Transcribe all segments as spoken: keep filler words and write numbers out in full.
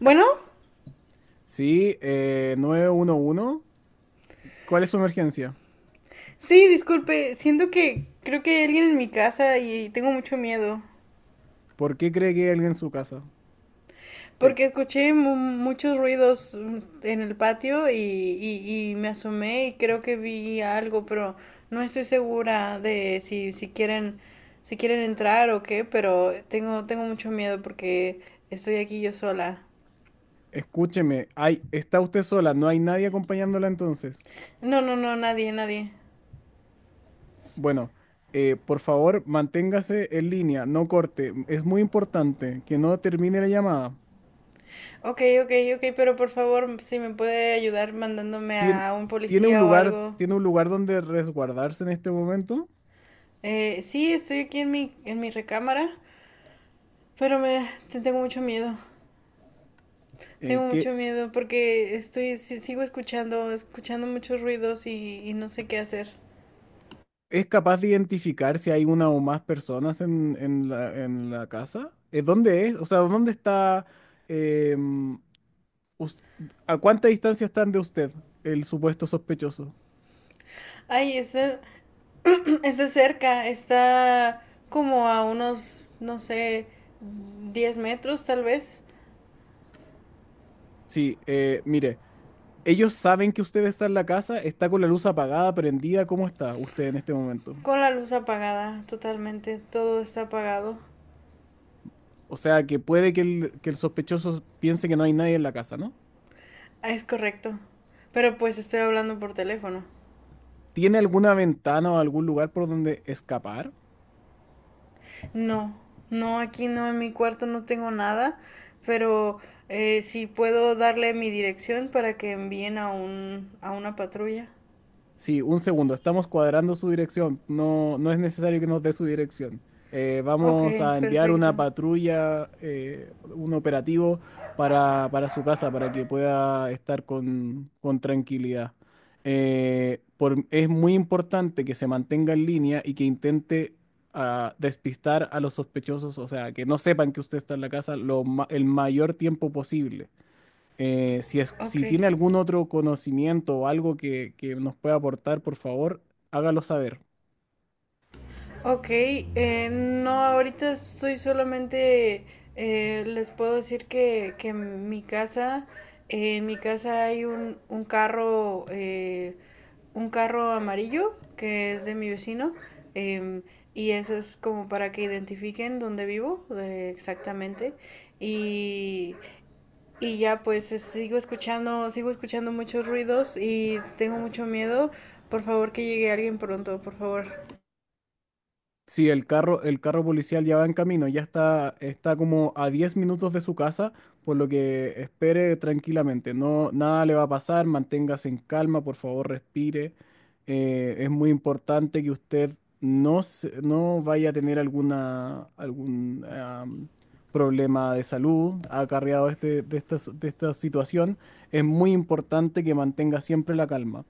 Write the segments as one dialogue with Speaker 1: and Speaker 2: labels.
Speaker 1: Bueno,
Speaker 2: Sí, eh, nueve uno. uno. ¿Cuál es su emergencia?
Speaker 1: sí, disculpe, siento que creo que hay alguien en mi casa y tengo mucho miedo.
Speaker 2: ¿Por qué cree que hay alguien en su casa? Eh,
Speaker 1: Porque escuché mu- muchos ruidos mm, en el patio y, y- y me asomé y creo que vi algo, pero no estoy segura de si, si quieren, si quieren entrar o qué, pero tengo, tengo mucho miedo porque estoy aquí yo sola.
Speaker 2: Escúcheme, hay, está usted sola, no hay nadie acompañándola entonces.
Speaker 1: No, no, no, nadie, nadie.
Speaker 2: Bueno, eh, por favor, manténgase en línea, no corte. Es muy importante que no termine la llamada.
Speaker 1: Ok, ok, ok, pero por favor, si me puede ayudar mandándome
Speaker 2: Tien-
Speaker 1: a un
Speaker 2: ¿tiene un
Speaker 1: policía o
Speaker 2: lugar,
Speaker 1: algo.
Speaker 2: tiene un lugar donde resguardarse en este momento?
Speaker 1: Eh, sí, estoy aquí en mi, en mi recámara, pero me te- tengo mucho miedo. Tengo
Speaker 2: Eh, ¿qué-
Speaker 1: mucho miedo porque estoy si- sigo escuchando, escuchando muchos ruidos y, y no sé qué hacer.
Speaker 2: ¿Es capaz de identificar si hay una o más personas en, en la, en la casa? Eh, ¿dónde es? O sea, ¿dónde está? em, us- ¿A cuánta distancia están de usted, el supuesto sospechoso?
Speaker 1: Ay, está, está cerca, está como a unos, no sé, diez metros tal vez,
Speaker 2: Sí, eh, mire, ellos saben que usted está en la casa, está con la luz apagada, prendida, ¿cómo está usted en este momento?
Speaker 1: con la luz apagada totalmente, todo está apagado.
Speaker 2: O sea, que puede que el, que el sospechoso piense que no hay nadie en la casa, ¿no?
Speaker 1: Ah, es correcto, pero pues estoy hablando por teléfono.
Speaker 2: ¿Tiene alguna ventana o algún lugar por donde escapar?
Speaker 1: No, no, aquí no, en mi cuarto no tengo nada, pero eh, sí puedo darle mi dirección para que envíen a un, a una patrulla.
Speaker 2: Sí, un segundo, estamos cuadrando su dirección. No, no es necesario que nos dé su dirección. Eh,
Speaker 1: Ok,
Speaker 2: vamos a enviar una
Speaker 1: perfecto.
Speaker 2: patrulla, eh, un operativo para, para su casa, para que pueda estar con, con tranquilidad. Eh, por- es muy importante que se mantenga en línea y que intente ah, despistar a los sospechosos, o sea, que no sepan que usted está en la casa lo ma- el mayor tiempo posible. Eh, si es,
Speaker 1: Ok.
Speaker 2: si tiene algún otro conocimiento o algo que, que nos pueda aportar, por favor, hágalo saber.
Speaker 1: Ok, eh, no, ahorita estoy solamente, eh, les puedo decir que, que en mi casa, eh, en mi casa hay un, un carro, eh, un carro amarillo que es de mi vecino, em, y eso es como para que identifiquen dónde vivo, eh, exactamente, y, y ya pues es- sigo escuchando, sigo escuchando muchos ruidos y tengo mucho miedo, por favor que llegue alguien pronto, por favor.
Speaker 2: Sí, el carro, el carro policial ya va en camino, ya está, está como a diez minutos de su casa, por lo que espere tranquilamente. No, nada le va a pasar, manténgase en calma, por favor, respire. Eh, es muy importante que usted no, se- no vaya a tener alguna, algún am, problema de salud acarreado de, este, de, esta, de esta situación. Es muy importante que mantenga siempre la calma.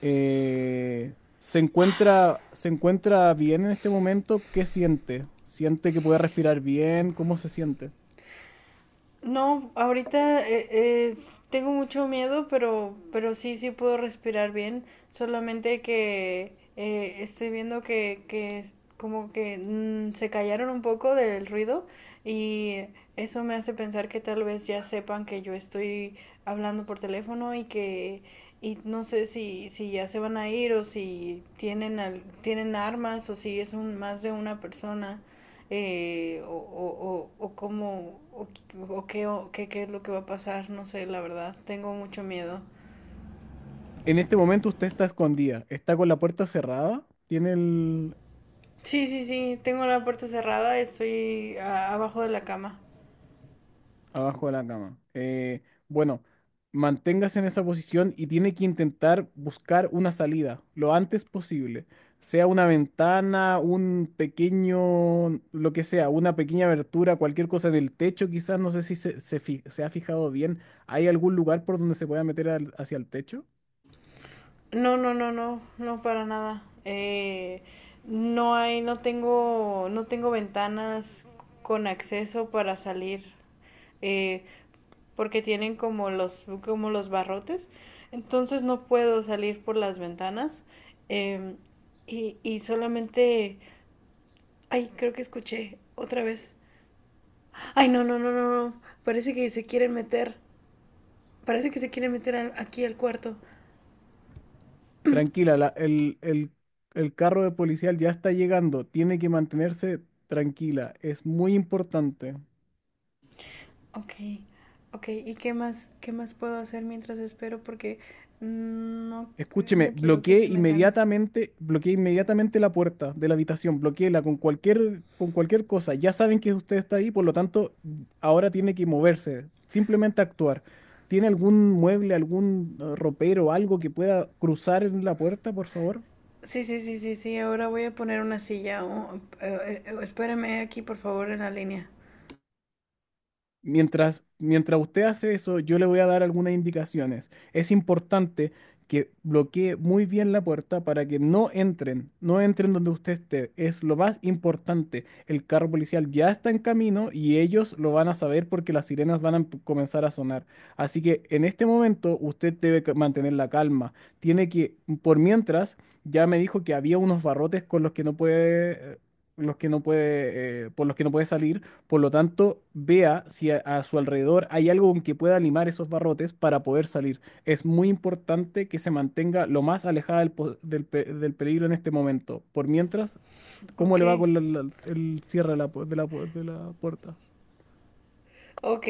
Speaker 2: Eh, ¿se encuentra, se encuentra bien en este momento? ¿Qué siente? ¿Siente que puede respirar bien? ¿Cómo se siente?
Speaker 1: No, ahorita eh, es- tengo mucho miedo, pero, pero sí, sí puedo respirar bien. Solamente que eh, estoy viendo que, que como que mm, se callaron un poco del ruido y eso me hace pensar que tal vez ya sepan que yo estoy hablando por teléfono y que y no sé si, si ya se van a ir o si tienen al- tienen armas o si es un más de una persona eh, o, o, o, o cómo o, o qué, o qué qué es lo que va a pasar, no sé, la verdad, tengo mucho miedo.
Speaker 2: En este momento usted está escondida, está con la puerta cerrada, tiene el,
Speaker 1: Sí, sí, sí, tengo la puerta cerrada, estoy a- abajo de la cama.
Speaker 2: abajo de la cama. Eh, bueno, manténgase en esa posición y tiene que intentar buscar una salida lo antes posible. Sea una ventana, un pequeño, lo que sea, una pequeña abertura, cualquier cosa en el techo, quizás, no sé si se, se fi- se ha fijado bien. ¿Hay algún lugar por donde se pueda meter al- hacia el techo?
Speaker 1: No, no, no, no, no para nada. Eh, no hay, no tengo, no tengo ventanas con acceso para salir, eh, porque tienen como los, como los barrotes. Entonces no puedo salir por las ventanas. em, y, y solamente, ay, creo que escuché otra vez. Ay, no, no, no, no, no. Parece que se quieren meter. Parece que se quieren meter al- aquí al cuarto.
Speaker 2: Tranquila, la- el, el el carro de policial ya está llegando. Tiene que mantenerse tranquila. Es muy importante.
Speaker 1: Ok, ok, ¿y qué más, qué más puedo hacer mientras espero? Porque no,
Speaker 2: Escúcheme,
Speaker 1: no quiero que
Speaker 2: bloqueé
Speaker 1: se metan.
Speaker 2: inmediatamente, bloqueé inmediatamente la puerta de la habitación, bloqueéla con cualquier, con cualquier cosa. Ya saben que usted está ahí, por lo tanto, ahora tiene que moverse, simplemente actuar. ¿Tiene algún mueble, algún eh, ropero, algo que pueda cruzar en la puerta, por favor?
Speaker 1: Sí, sí, sí, sí, sí, ahora voy a poner una silla. O- eh, eh, espérame aquí, por favor, en la línea.
Speaker 2: Mientras, mientras usted hace eso, yo le voy a dar algunas indicaciones. Es importante que bloquee muy bien la puerta para que no entren, no entren donde usted esté. Es lo más importante. El carro policial ya está en camino y ellos lo van a saber porque las sirenas van a emp- comenzar a sonar. Así que en este momento usted debe ca- mantener la calma. Tiene que, por mientras, ya me dijo que había unos barrotes con los que no puede, eh, los que no puede, eh, por los que no puede salir. Por lo tanto, vea si a, a su alrededor hay algo con que pueda animar esos barrotes para poder salir. Es muy importante que se mantenga lo más alejada del, po- del pe- del peligro en este momento. Por mientras, ¿cómo
Speaker 1: Ok,
Speaker 2: le va con la- la- el cierre de la, pu- de la pu- de la puerta?
Speaker 1: Ok,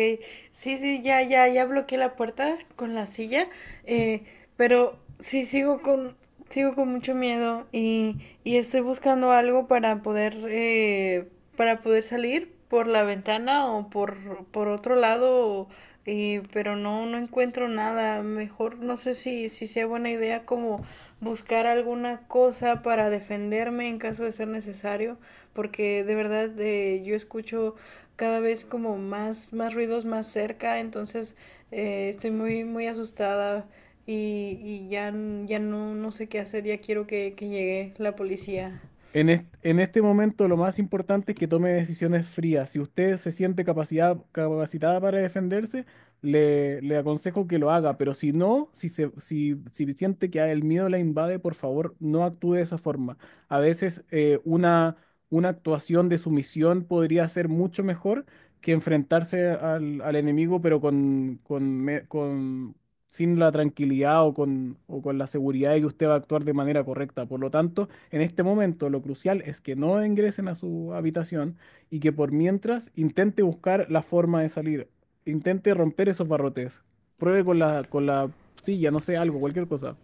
Speaker 1: sí, sí, ya, ya, ya bloqueé la puerta con la silla, eh, pero sí sigo con, sigo con mucho miedo y, y estoy buscando algo para poder, eh, para poder salir por la ventana o por, por otro lado, y, pero no, no encuentro nada. Mejor no sé si, si sea buena idea como buscar alguna cosa para defenderme en caso de ser necesario, porque de verdad eh, yo escucho cada vez como más, más ruidos más cerca, entonces eh, estoy muy, muy asustada y, y ya, ya no, no sé qué hacer, ya quiero que, que llegue la policía.
Speaker 2: En est- en este momento lo más importante es que tome decisiones frías. Si usted se siente capacidad, capacitada para defenderse, le, le aconsejo que lo haga, pero si no, si, se, si, si siente que el miedo la invade, por favor, no actúe de esa forma. A veces eh, una, una actuación de sumisión podría ser mucho mejor que enfrentarse al, al enemigo, pero con, con, me- con, sin la tranquilidad o con, o con la seguridad de que usted va a actuar de manera correcta. Por lo tanto, en este momento, lo crucial es que no ingresen a su habitación y que por mientras intente buscar la forma de salir. Intente romper esos barrotes. Pruebe con la, con la silla, no sé, algo, cualquier cosa.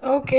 Speaker 1: Ok,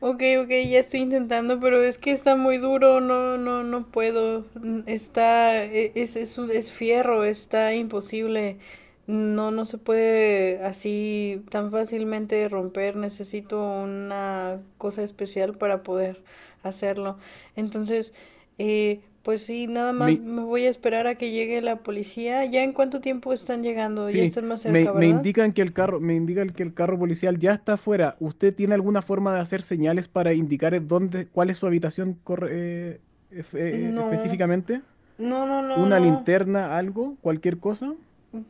Speaker 1: ok, ok, ya estoy intentando, pero es que está muy duro, no, no, no puedo. Mm, Está, e- es, es, un- es fierro, está imposible. No, no se puede así tan fácilmente romper. Necesito una cosa especial para poder hacerlo. Entonces, eh, pues sí, nada más
Speaker 2: Me-
Speaker 1: me voy a esperar a que llegue la policía. ¿Ya en cuánto tiempo están llegando? Ya
Speaker 2: sí,
Speaker 1: están más cerca,
Speaker 2: me, me
Speaker 1: ¿verdad?
Speaker 2: indican que el carro, me indican que el carro policial ya está afuera. ¿Usted tiene alguna forma de hacer señales para indicar eh, dónde, cuál es su habitación corre- eh, ef- eh,
Speaker 1: No,
Speaker 2: específicamente?
Speaker 1: no, no, no,
Speaker 2: ¿Una
Speaker 1: no.
Speaker 2: linterna, algo, cualquier cosa?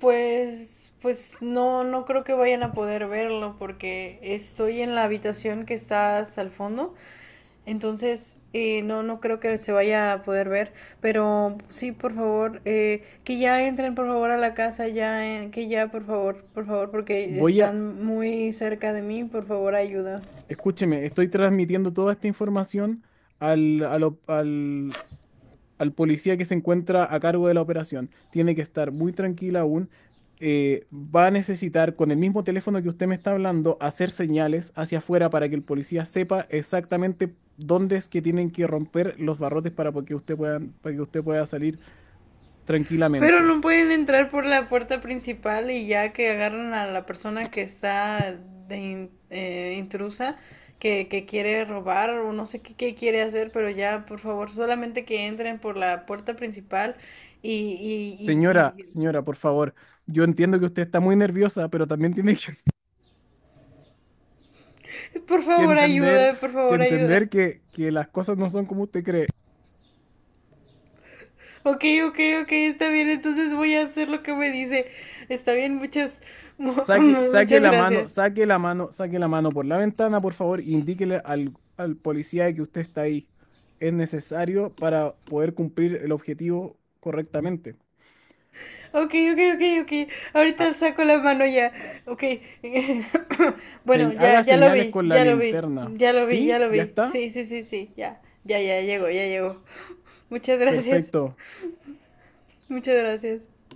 Speaker 1: Pues, pues no, no creo que vayan a poder verlo porque estoy en la habitación que está hasta el fondo, entonces eh, no, no creo que se vaya a poder ver, pero sí, por favor, eh, que ya entren por favor a la casa, ya, en- que ya, por favor, por favor, porque
Speaker 2: Voy a,
Speaker 1: están muy cerca de mí, por favor, ayuda.
Speaker 2: escúcheme, estoy transmitiendo toda esta información al, al op- al- al policía que se encuentra a cargo de la operación. Tiene que estar muy tranquila aún. Eh, va a necesitar, con el mismo teléfono que usted me está hablando, hacer señales hacia afuera para que el policía sepa exactamente dónde es que tienen que romper los barrotes para que usted pueda, para que usted pueda salir
Speaker 1: Pero
Speaker 2: tranquilamente.
Speaker 1: no pueden entrar por la puerta principal y ya que agarran a la persona que está de in- eh, intrusa, que, que quiere robar o no sé qué, qué quiere hacer, pero ya, por favor, solamente que entren por la puerta principal y, y,
Speaker 2: Señora,
Speaker 1: y,
Speaker 2: señora, por favor, yo entiendo que usted está muy nerviosa, pero también tiene que
Speaker 1: y- por
Speaker 2: que
Speaker 1: favor,
Speaker 2: entender,
Speaker 1: ayuda, por
Speaker 2: que
Speaker 1: favor, ayuda.
Speaker 2: entender que, que las cosas no son como usted cree.
Speaker 1: Ok, ok, ok, está bien, entonces voy a hacer lo que me dice. Está bien, muchas, mu-
Speaker 2: Saque, saque
Speaker 1: muchas
Speaker 2: la mano,
Speaker 1: gracias.
Speaker 2: saque la mano, saque la mano por la ventana, por favor, e indíquele al, al policía de que usted está ahí. Es necesario para poder cumplir el objetivo correctamente.
Speaker 1: Ok, ok, ok, ok.
Speaker 2: Ha-
Speaker 1: Ahorita saco la mano ya. Ok. Bueno,
Speaker 2: se- Haga
Speaker 1: ya, ya lo
Speaker 2: señales
Speaker 1: vi,
Speaker 2: con la
Speaker 1: ya lo vi,
Speaker 2: linterna.
Speaker 1: ya lo vi, ya
Speaker 2: ¿Sí?
Speaker 1: lo
Speaker 2: ¿Ya
Speaker 1: vi.
Speaker 2: está?
Speaker 1: Sí, sí, sí, sí, ya. Ya, ya, llegó, ya llegó. Muchas gracias,
Speaker 2: Perfecto.
Speaker 1: muchas gracias.